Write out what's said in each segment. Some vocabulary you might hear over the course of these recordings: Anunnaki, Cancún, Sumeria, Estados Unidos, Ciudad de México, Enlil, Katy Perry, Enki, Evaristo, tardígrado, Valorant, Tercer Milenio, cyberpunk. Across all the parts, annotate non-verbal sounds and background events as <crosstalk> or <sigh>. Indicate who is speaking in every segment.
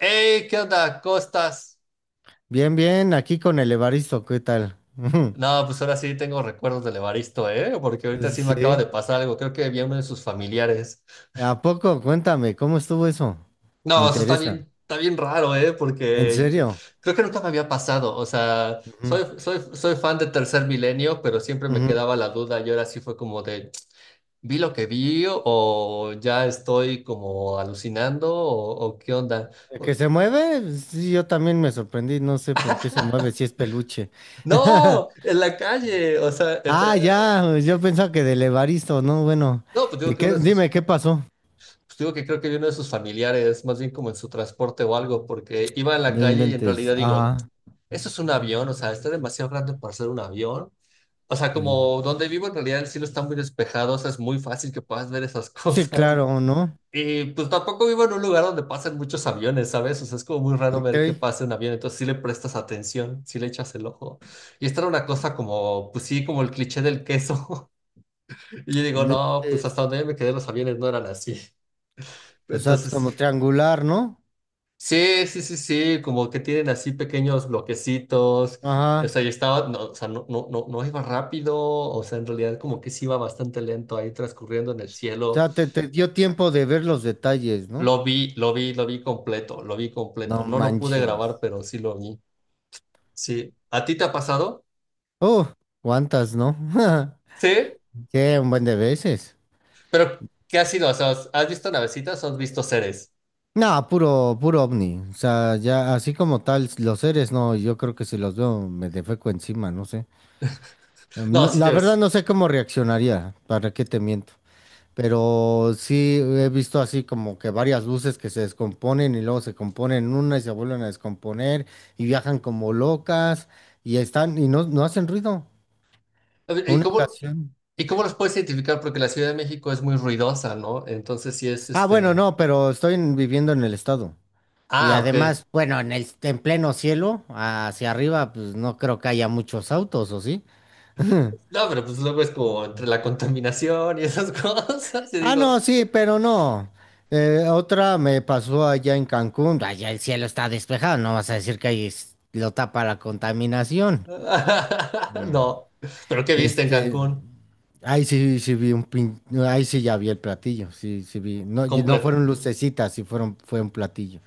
Speaker 1: Hey, ¿qué onda? ¿Cómo estás?
Speaker 2: Bien, bien, aquí con el Evaristo, ¿qué tal? <laughs>
Speaker 1: No, pues ahora sí tengo recuerdos del Evaristo, ¿eh? Porque ahorita sí me acaba
Speaker 2: Sí.
Speaker 1: de pasar algo. Creo que había uno de sus familiares.
Speaker 2: ¿A poco? Cuéntame, ¿cómo estuvo eso? Me
Speaker 1: No, eso
Speaker 2: interesa.
Speaker 1: está bien raro, ¿eh?
Speaker 2: ¿En
Speaker 1: Porque
Speaker 2: serio?
Speaker 1: creo que nunca me había pasado. O sea,
Speaker 2: Ujú,
Speaker 1: soy fan de Tercer Milenio, pero siempre me
Speaker 2: ujú.
Speaker 1: quedaba la duda y ahora sí fue como de, ¿vi lo que vi o ya estoy como alucinando o qué onda?
Speaker 2: ¿El ¿Que
Speaker 1: Por-
Speaker 2: se mueve? Sí, yo también me sorprendí, no sé por qué se mueve,
Speaker 1: <laughs>
Speaker 2: si es peluche. <laughs>
Speaker 1: No, en la calle, o sea, este,
Speaker 2: Ah, ya, yo pensaba que del Evaristo, no, bueno.
Speaker 1: no, pues
Speaker 2: ¿Y
Speaker 1: digo que uno
Speaker 2: qué?
Speaker 1: de
Speaker 2: Dime,
Speaker 1: sus
Speaker 2: ¿qué pasó?
Speaker 1: pues digo que creo que vino de sus familiares, más bien como en su transporte o algo, porque iba en la
Speaker 2: No
Speaker 1: calle y en
Speaker 2: inventes.
Speaker 1: realidad digo,
Speaker 2: Ah,
Speaker 1: eso es un avión, o sea, está demasiado grande para ser un avión. O sea,
Speaker 2: sí.
Speaker 1: como donde vivo en realidad el cielo está muy despejado, o sea, es muy fácil que puedas ver esas <laughs>
Speaker 2: Sí,
Speaker 1: cosas.
Speaker 2: claro, ¿no?
Speaker 1: Y pues tampoco vivo en un lugar donde pasen muchos aviones, ¿sabes? O sea, es como muy raro ver que
Speaker 2: Ok.
Speaker 1: pase un avión, entonces sí le prestas atención, sí le echas el ojo. Y esta era una cosa como, pues sí, como el cliché del queso. <laughs> Y yo digo,
Speaker 2: No
Speaker 1: no, pues hasta
Speaker 2: inventes.
Speaker 1: donde yo me quedé los aviones no eran así.
Speaker 2: O sea, es
Speaker 1: Entonces.
Speaker 2: como triangular, ¿no?
Speaker 1: Sí, sí, sí, sí, como que tienen así pequeños bloquecitos. O
Speaker 2: Ajá.
Speaker 1: sea, yo estaba, no, o sea, no, no, no, no iba rápido, o sea, en realidad como que sí iba bastante lento ahí transcurriendo en el cielo.
Speaker 2: Ya te dio tiempo de ver los detalles, ¿no?
Speaker 1: Lo vi, lo vi, lo vi completo, lo vi
Speaker 2: No
Speaker 1: completo. No lo pude grabar,
Speaker 2: manches.
Speaker 1: pero sí lo vi. Sí. ¿A ti te ha pasado?
Speaker 2: Oh, ¿cuántas, no? <laughs>
Speaker 1: Sí.
Speaker 2: Qué un buen de veces.
Speaker 1: Pero, ¿qué ha sido? O sea, ¿has visto navecitas o has visto seres?
Speaker 2: No, puro, puro ovni. O sea, ya así como tal, los seres, no, yo creo que si los veo me defeco encima, no sé.
Speaker 1: No, sí,
Speaker 2: La
Speaker 1: yo
Speaker 2: verdad
Speaker 1: es.
Speaker 2: no sé cómo reaccionaría, para qué te miento. Pero sí he visto así como que varias luces que se descomponen y luego se componen en una y se vuelven a descomponer y viajan como locas y están y no, no hacen ruido.
Speaker 1: ¿Y
Speaker 2: Una
Speaker 1: cómo,
Speaker 2: ocasión.
Speaker 1: y cómo los puedes identificar? Porque la Ciudad de México es muy ruidosa, ¿no? Entonces sí es
Speaker 2: Ah, bueno,
Speaker 1: este.
Speaker 2: no, pero estoy viviendo en el estado. Y
Speaker 1: Ah, ok.
Speaker 2: además, bueno, en pleno cielo, hacia arriba, pues no creo que haya muchos autos, ¿o sí?
Speaker 1: No, pero pues luego es como entre la contaminación y esas <laughs> cosas. Y
Speaker 2: Ah, no,
Speaker 1: digo,
Speaker 2: sí, pero no. Otra me pasó allá en Cancún. Allá el cielo está despejado, no vas a decir que ahí lo tapa la
Speaker 1: <laughs>
Speaker 2: contaminación. Mm.
Speaker 1: no. ¿Pero qué viste en
Speaker 2: Este,
Speaker 1: Cancún?
Speaker 2: ahí sí, sí vi ahí sí ya vi el platillo, sí, sí vi. No, y no
Speaker 1: Completo.
Speaker 2: fueron lucecitas, sí fueron, fue un platillo,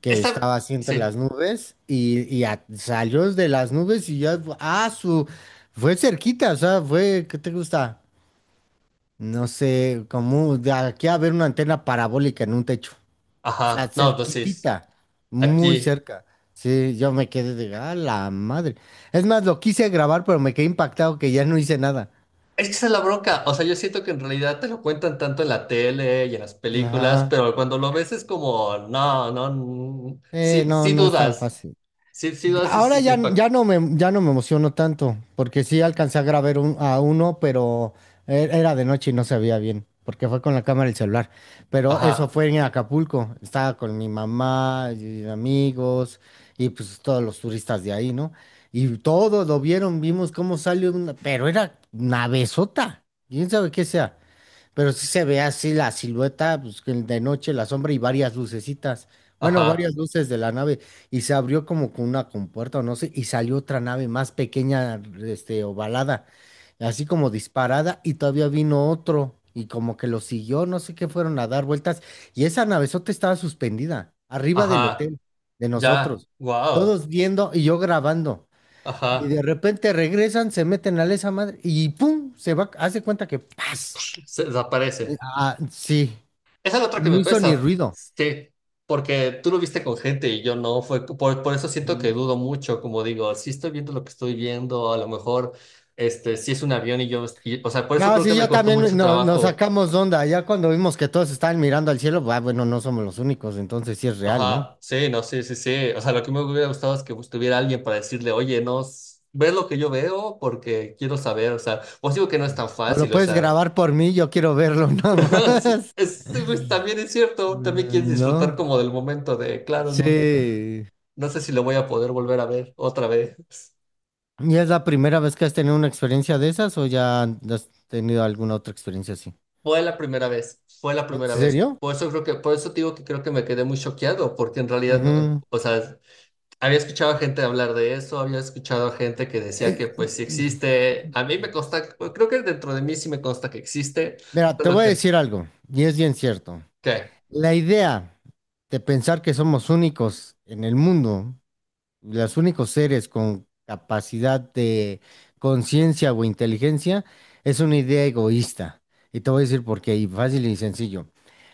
Speaker 2: que
Speaker 1: Esta,
Speaker 2: estaba así entre
Speaker 1: sí.
Speaker 2: las nubes y salió de las nubes y ya, fue cerquita. O sea, fue, ¿qué te gusta? No sé, como de aquí a ver una antena parabólica en un techo, o sea,
Speaker 1: Ajá. No, pues sí.
Speaker 2: cerquitita, muy
Speaker 1: Aquí.
Speaker 2: cerca. Sí, yo me quedé de, ah, la madre. Es más, lo quise grabar, pero me quedé impactado que ya no hice nada.
Speaker 1: Es que esa es la bronca. O sea, yo siento que en realidad te lo cuentan tanto en la tele y en las películas,
Speaker 2: Ajá.
Speaker 1: pero cuando lo ves es como, no, no, mm, sí,
Speaker 2: No,
Speaker 1: sí
Speaker 2: no es tan
Speaker 1: dudas.
Speaker 2: fácil.
Speaker 1: Sí, sí dudas y
Speaker 2: Ahora
Speaker 1: sí te
Speaker 2: ya,
Speaker 1: impacta.
Speaker 2: ya no me emociono tanto, porque sí alcancé a grabar a uno, pero era de noche y no se veía bien, porque fue con la cámara y el celular. Pero eso
Speaker 1: Ajá,
Speaker 2: fue en Acapulco, estaba con mi mamá y amigos y pues todos los turistas de ahí, ¿no? Y todos lo vieron, vimos cómo salió una, pero era una besota, quién sabe qué sea. Pero sí se ve así la silueta, pues que de noche la sombra y varias lucecitas. Bueno,
Speaker 1: ajá,
Speaker 2: varias luces de la nave. Y se abrió como con una compuerta o no sé. Y salió otra nave más pequeña, este, ovalada. Así como disparada. Y todavía vino otro. Y como que lo siguió, no sé qué fueron a dar vueltas. Y esa navezota estaba suspendida, arriba del
Speaker 1: ajá.
Speaker 2: hotel, de
Speaker 1: Ya,
Speaker 2: nosotros.
Speaker 1: wow.
Speaker 2: Todos viendo y yo grabando. Y
Speaker 1: Ajá.
Speaker 2: de repente regresan, se meten a la esa madre. Y ¡pum! Se va, hace cuenta que ¡paz!
Speaker 1: Pues, se desaparece.
Speaker 2: Ah, sí,
Speaker 1: Esa es la otra
Speaker 2: y
Speaker 1: que
Speaker 2: no
Speaker 1: me
Speaker 2: hizo ni
Speaker 1: pesa,
Speaker 2: ruido.
Speaker 1: sí, porque tú lo viste con gente y yo no, fue por eso siento que
Speaker 2: Mm.
Speaker 1: dudo mucho, como digo, si estoy viendo lo que estoy viendo, a lo mejor, este, si es un avión y yo, o sea, por eso
Speaker 2: No,
Speaker 1: creo que
Speaker 2: sí,
Speaker 1: me
Speaker 2: yo
Speaker 1: costó
Speaker 2: también
Speaker 1: mucho
Speaker 2: nos
Speaker 1: trabajo,
Speaker 2: sacamos de onda. Ya cuando vimos que todos estaban mirando al cielo, ah, bueno, no somos los únicos, entonces sí es real, ¿no?
Speaker 1: ajá, sí, no, sí, sí, sí, o sea, lo que me hubiera gustado es que estuviera alguien para decirle, oye, no, ves lo que yo veo porque quiero saber, o sea, os digo que no es tan
Speaker 2: O lo
Speaker 1: fácil, o
Speaker 2: puedes
Speaker 1: sea,
Speaker 2: grabar por mí, yo quiero verlo <laughs> nada
Speaker 1: <laughs> sí,
Speaker 2: más.
Speaker 1: es, pues, también es cierto, también quieres
Speaker 2: Mm,
Speaker 1: disfrutar
Speaker 2: ¿no?
Speaker 1: como del momento de, claro, no.
Speaker 2: Sí.
Speaker 1: No sé si lo voy a poder volver a ver otra vez.
Speaker 2: ¿Y es la primera vez que has tenido una experiencia de esas o ya has tenido alguna otra experiencia así?
Speaker 1: Fue la primera vez, fue la
Speaker 2: ¿En
Speaker 1: primera vez.
Speaker 2: serio?
Speaker 1: Por eso creo que, por eso te digo que creo que me quedé muy choqueado, porque en realidad,
Speaker 2: Ujú.
Speaker 1: o sea, había escuchado a gente hablar de eso, había escuchado a gente que decía que
Speaker 2: Eh,
Speaker 1: pues sí existe. A mí me consta, bueno, creo que dentro de mí sí me consta que existe,
Speaker 2: Mira, te
Speaker 1: solo
Speaker 2: voy a
Speaker 1: que,
Speaker 2: decir algo, y es bien cierto.
Speaker 1: ¿qué?
Speaker 2: La idea de pensar que somos únicos en el mundo, los únicos seres con capacidad de conciencia o inteligencia, es una idea egoísta. Y te voy a decir por qué, y fácil y sencillo.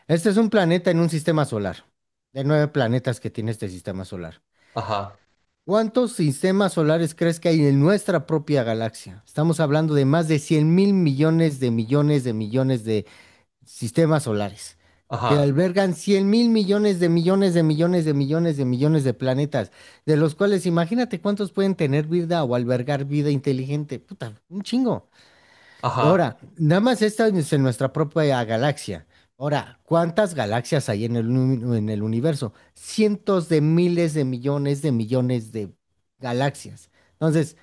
Speaker 2: Este es un planeta en un sistema solar, de nueve planetas que tiene este sistema solar.
Speaker 1: Ajá,
Speaker 2: ¿Cuántos sistemas solares crees que hay en nuestra propia galaxia? Estamos hablando de más de 100 mil millones de millones de millones de sistemas solares, que
Speaker 1: ajá,
Speaker 2: albergan 100 mil millones de millones de millones de millones de millones de planetas, de los cuales imagínate cuántos pueden tener vida o albergar vida inteligente. Puta, un chingo. Y
Speaker 1: ajá.
Speaker 2: ahora, nada más esta es en nuestra propia galaxia. Ahora, ¿cuántas galaxias hay en el universo? Cientos de miles de millones de millones de galaxias. Entonces,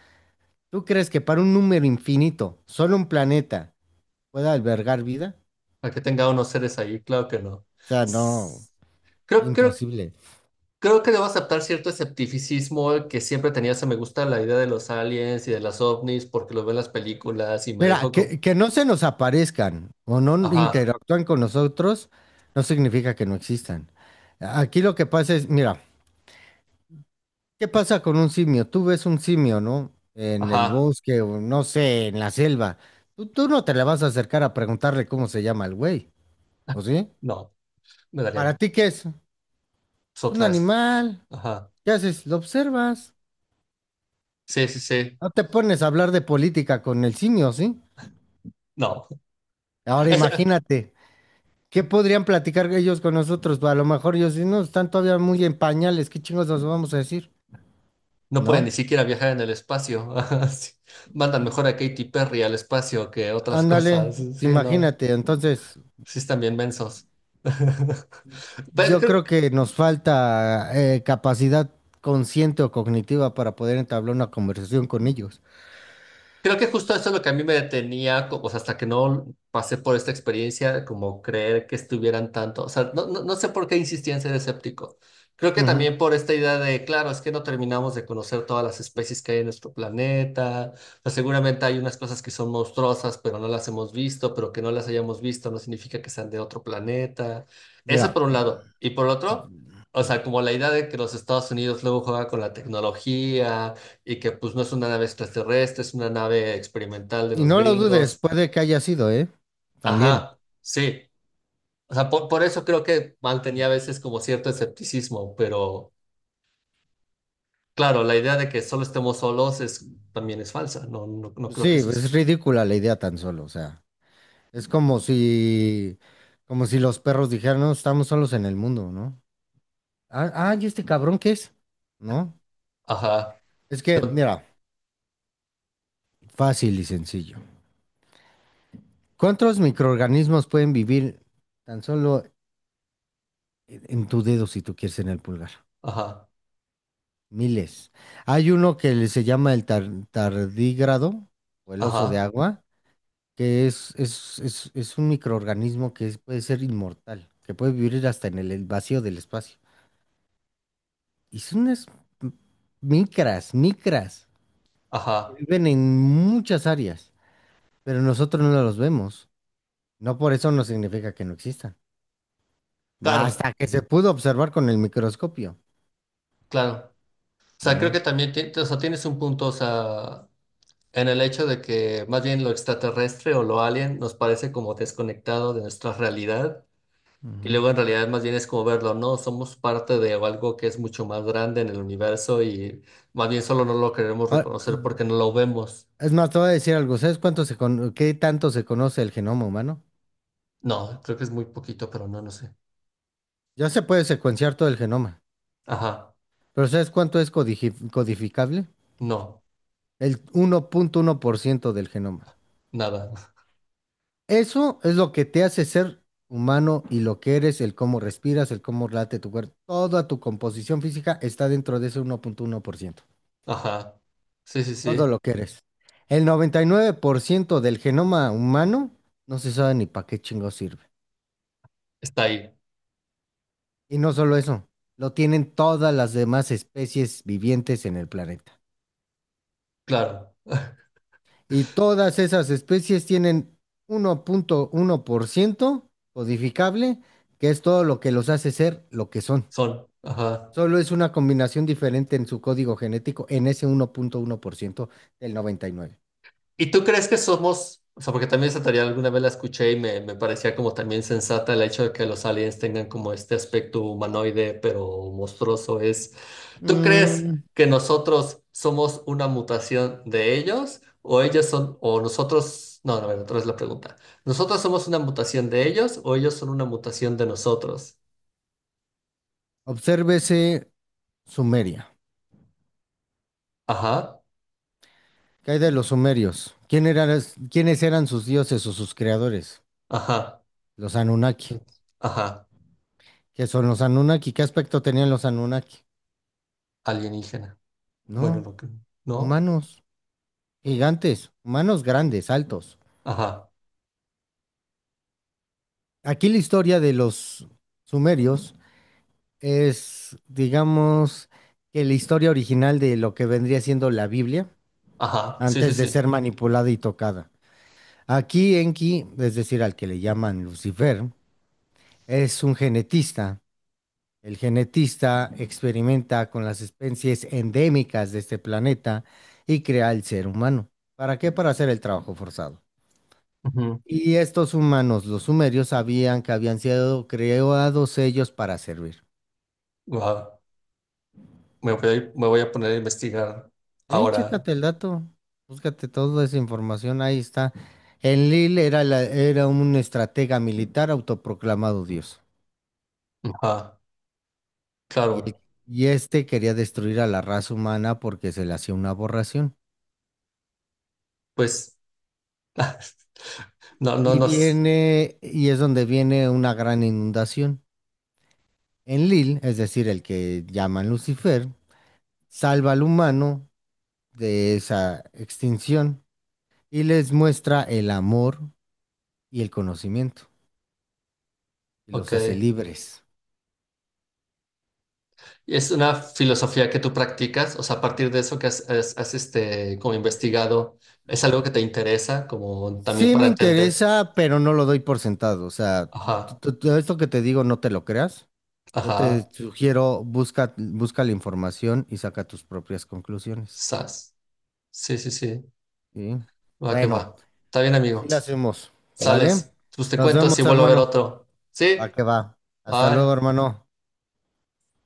Speaker 2: ¿tú crees que para un número infinito, solo un planeta pueda albergar vida?
Speaker 1: A que tenga unos seres ahí, claro que no.
Speaker 2: O sea, no.
Speaker 1: S- Creo, creo
Speaker 2: Imposible.
Speaker 1: Creo que debo aceptar cierto esceptificismo que siempre tenía. Se me gusta la idea de los aliens y de las ovnis porque lo veo en las películas y me
Speaker 2: Mira,
Speaker 1: dejo como,
Speaker 2: que no se nos aparezcan o no
Speaker 1: ajá,
Speaker 2: interactúan con nosotros no significa que no existan. Aquí lo que pasa es, mira, ¿qué pasa con un simio? Tú ves un simio, ¿no? En el
Speaker 1: ajá,
Speaker 2: bosque o no sé, en la selva. Tú no te le vas a acercar a preguntarle cómo se llama el güey, ¿o
Speaker 1: <laughs>
Speaker 2: sí?
Speaker 1: no, me
Speaker 2: ¿Para
Speaker 1: darían
Speaker 2: ti qué es? Es un
Speaker 1: otras,
Speaker 2: animal.
Speaker 1: ajá,
Speaker 2: ¿Qué haces? Lo observas.
Speaker 1: sí, sí, sí,
Speaker 2: No te pones a hablar de política con el simio, ¿sí?
Speaker 1: no, <laughs>
Speaker 2: Ahora
Speaker 1: Es-
Speaker 2: imagínate. ¿Qué podrían platicar ellos con nosotros? A lo mejor ellos si no, están todavía muy en pañales, ¿qué chingos nos vamos a decir?
Speaker 1: no pueden
Speaker 2: ¿No?
Speaker 1: ni siquiera viajar en el espacio. <laughs> Ajá, sí. Mandan mejor a Katy Perry al espacio que otras
Speaker 2: Ándale,
Speaker 1: cosas, sí, no,
Speaker 2: imagínate. Entonces,
Speaker 1: sí están bien mensos. <laughs> Pero
Speaker 2: yo
Speaker 1: creo-
Speaker 2: creo que nos falta capacidad consciente o cognitiva para poder entablar una conversación con ellos.
Speaker 1: Creo que justo eso es lo que a mí me detenía, o sea, hasta que no pasé por esta experiencia, como creer que estuvieran tanto, o sea, no, no, no sé por qué insistía en ser escéptico. Creo que
Speaker 2: Ujú.
Speaker 1: también por esta idea de, claro, es que no terminamos de conocer todas las especies que hay en nuestro planeta, o sea, seguramente hay unas cosas que son monstruosas, pero no las hemos visto, pero que no las hayamos visto no significa que sean de otro planeta. Eso
Speaker 2: Mira,
Speaker 1: por un lado. Y por otro, o sea, como la idea de que los Estados Unidos luego juega con la tecnología y que pues no es una nave extraterrestre, es una nave experimental de
Speaker 2: y
Speaker 1: los
Speaker 2: no lo dudes,
Speaker 1: gringos.
Speaker 2: puede que haya sido, ¿eh? También.
Speaker 1: Ajá, sí. O sea, por eso creo que mantenía a veces como cierto escepticismo, pero claro, la idea de que solo estemos solos es, también es falsa, no, no, no creo que
Speaker 2: Sí, pues,
Speaker 1: suceda.
Speaker 2: es ridícula la idea tan solo, o sea, es como si los perros dijeran, no, estamos solos en el mundo, ¿no? Ah, ah, ¿y este cabrón qué es? ¿No?
Speaker 1: Ajá,
Speaker 2: Es que, mira, fácil y sencillo. ¿Cuántos microorganismos pueden vivir tan solo en tu dedo si tú quieres en el pulgar?
Speaker 1: ajá,
Speaker 2: Miles. Hay uno que le se llama el tardígrado o el oso de
Speaker 1: ajá,
Speaker 2: agua, que es un microorganismo que puede ser inmortal, que puede vivir hasta en el vacío del espacio. Y son unas m- micras, que
Speaker 1: ajá.
Speaker 2: viven en muchas áreas, pero nosotros no los vemos. No por eso no significa que no existan.
Speaker 1: Claro,
Speaker 2: Hasta que se pudo observar con el microscopio,
Speaker 1: claro. O sea, creo
Speaker 2: ¿no?
Speaker 1: que también o sea, tienes un punto, o sea, en el hecho de que más bien lo extraterrestre o lo alien nos parece como desconectado de nuestra realidad. Y
Speaker 2: Ujú.
Speaker 1: luego en realidad más bien es como verlo, ¿no? Somos parte de algo que es mucho más grande en el universo y más bien solo no lo queremos
Speaker 2: Ah,
Speaker 1: reconocer porque no lo vemos.
Speaker 2: es más, te voy a decir algo. ¿Sabes qué tanto se conoce el genoma humano?
Speaker 1: No, creo que es muy poquito, pero no, no sé.
Speaker 2: Ya se puede secuenciar todo el genoma,
Speaker 1: Ajá,
Speaker 2: pero ¿sabes cuánto es codificable?
Speaker 1: no,
Speaker 2: El uno punto uno por ciento del genoma.
Speaker 1: nada. <laughs>
Speaker 2: Eso es lo que te hace ser humano y lo que eres, el cómo respiras, el cómo late tu cuerpo. Toda tu composición física está dentro de ese uno punto uno por ciento.
Speaker 1: Ajá. Sí, sí,
Speaker 2: Todo
Speaker 1: sí,
Speaker 2: lo que eres. El 99% del genoma humano no se sabe ni para qué chingo sirve.
Speaker 1: está ahí,
Speaker 2: Y no solo eso, lo tienen todas las demás especies vivientes en el planeta.
Speaker 1: claro.
Speaker 2: Y todas esas especies tienen uno punto uno por ciento codificable, que es todo lo que los hace ser lo que son.
Speaker 1: Son, ajá.
Speaker 2: Solo es una combinación diferente en su código genético en ese uno punto uno por ciento del 99%.
Speaker 1: ¿Y tú crees que somos, o sea, porque también esa teoría alguna vez la escuché y me parecía como también sensata el hecho de que los aliens tengan como este aspecto humanoide, pero monstruoso es, ¿tú crees
Speaker 2: Mm,
Speaker 1: que nosotros somos una mutación de ellos o ellos son, o nosotros, no, no, a ver, otra vez la pregunta, ¿nosotros somos una mutación de ellos o ellos son una mutación de nosotros?
Speaker 2: Obsérvese Sumeria.
Speaker 1: Ajá,
Speaker 2: ¿Qué hay de los sumerios? ¿Quiénes eran sus dioses o sus creadores?
Speaker 1: ajá,
Speaker 2: Los Anunnaki.
Speaker 1: ajá,
Speaker 2: ¿Qué son los Anunnaki? ¿Qué aspecto tenían los Anunnaki?
Speaker 1: alienígena. Bueno,
Speaker 2: No,
Speaker 1: no, ¿no?
Speaker 2: humanos, gigantes, humanos grandes, altos.
Speaker 1: Ajá,
Speaker 2: Aquí la historia de los sumerios es, digamos, que la historia original de lo que vendría siendo la Biblia
Speaker 1: ajá, sí, sí,
Speaker 2: antes de
Speaker 1: sí.
Speaker 2: ser manipulada y tocada. Aquí Enki, es decir, al que le llaman Lucifer, es un genetista. El genetista experimenta con las especies endémicas de este planeta y crea el ser humano. ¿Para qué? Para hacer el trabajo forzado. Y estos humanos, los sumerios, sabían que habían sido creados ellos para servir.
Speaker 1: Wow. Me voy a poner a investigar ahora.
Speaker 2: Chécate el dato, búscate toda esa información, ahí está. Enlil era un estratega militar autoproclamado dios.
Speaker 1: Ajá,
Speaker 2: Y, el-
Speaker 1: claro,
Speaker 2: y este quería destruir a la raza humana porque se le hacía una aberración.
Speaker 1: pues <laughs> no, no,
Speaker 2: Y
Speaker 1: no.
Speaker 2: viene, y es donde viene una gran inundación. En Lil, es decir, el que llaman Lucifer, salva al humano de esa extinción y les muestra el amor y el conocimiento y
Speaker 1: Ok.
Speaker 2: los hace libres.
Speaker 1: ¿Es una filosofía que tú practicas? O sea, a partir de eso que has, este, como investigado, ¿es algo que te interesa como también
Speaker 2: Sí
Speaker 1: para
Speaker 2: me
Speaker 1: entender?
Speaker 2: interesa, pero no lo doy por sentado. O sea,
Speaker 1: Ajá,
Speaker 2: todo esto que te digo no te lo creas. Yo te
Speaker 1: ajá,
Speaker 2: sugiero, busca, busca la información y saca tus propias conclusiones.
Speaker 1: sas. Sí, sí, sí.
Speaker 2: ¿Sí?
Speaker 1: Va que
Speaker 2: Bueno.
Speaker 1: va. Está bien, amigo.
Speaker 2: Así la hacemos, ¿vale?
Speaker 1: Sales. Pues te
Speaker 2: Nos
Speaker 1: cuento si
Speaker 2: vemos,
Speaker 1: vuelvo a ver
Speaker 2: hermano.
Speaker 1: otro.
Speaker 2: Va
Speaker 1: ¿Sí?
Speaker 2: que va. Hasta luego,
Speaker 1: Bye.
Speaker 2: hermano.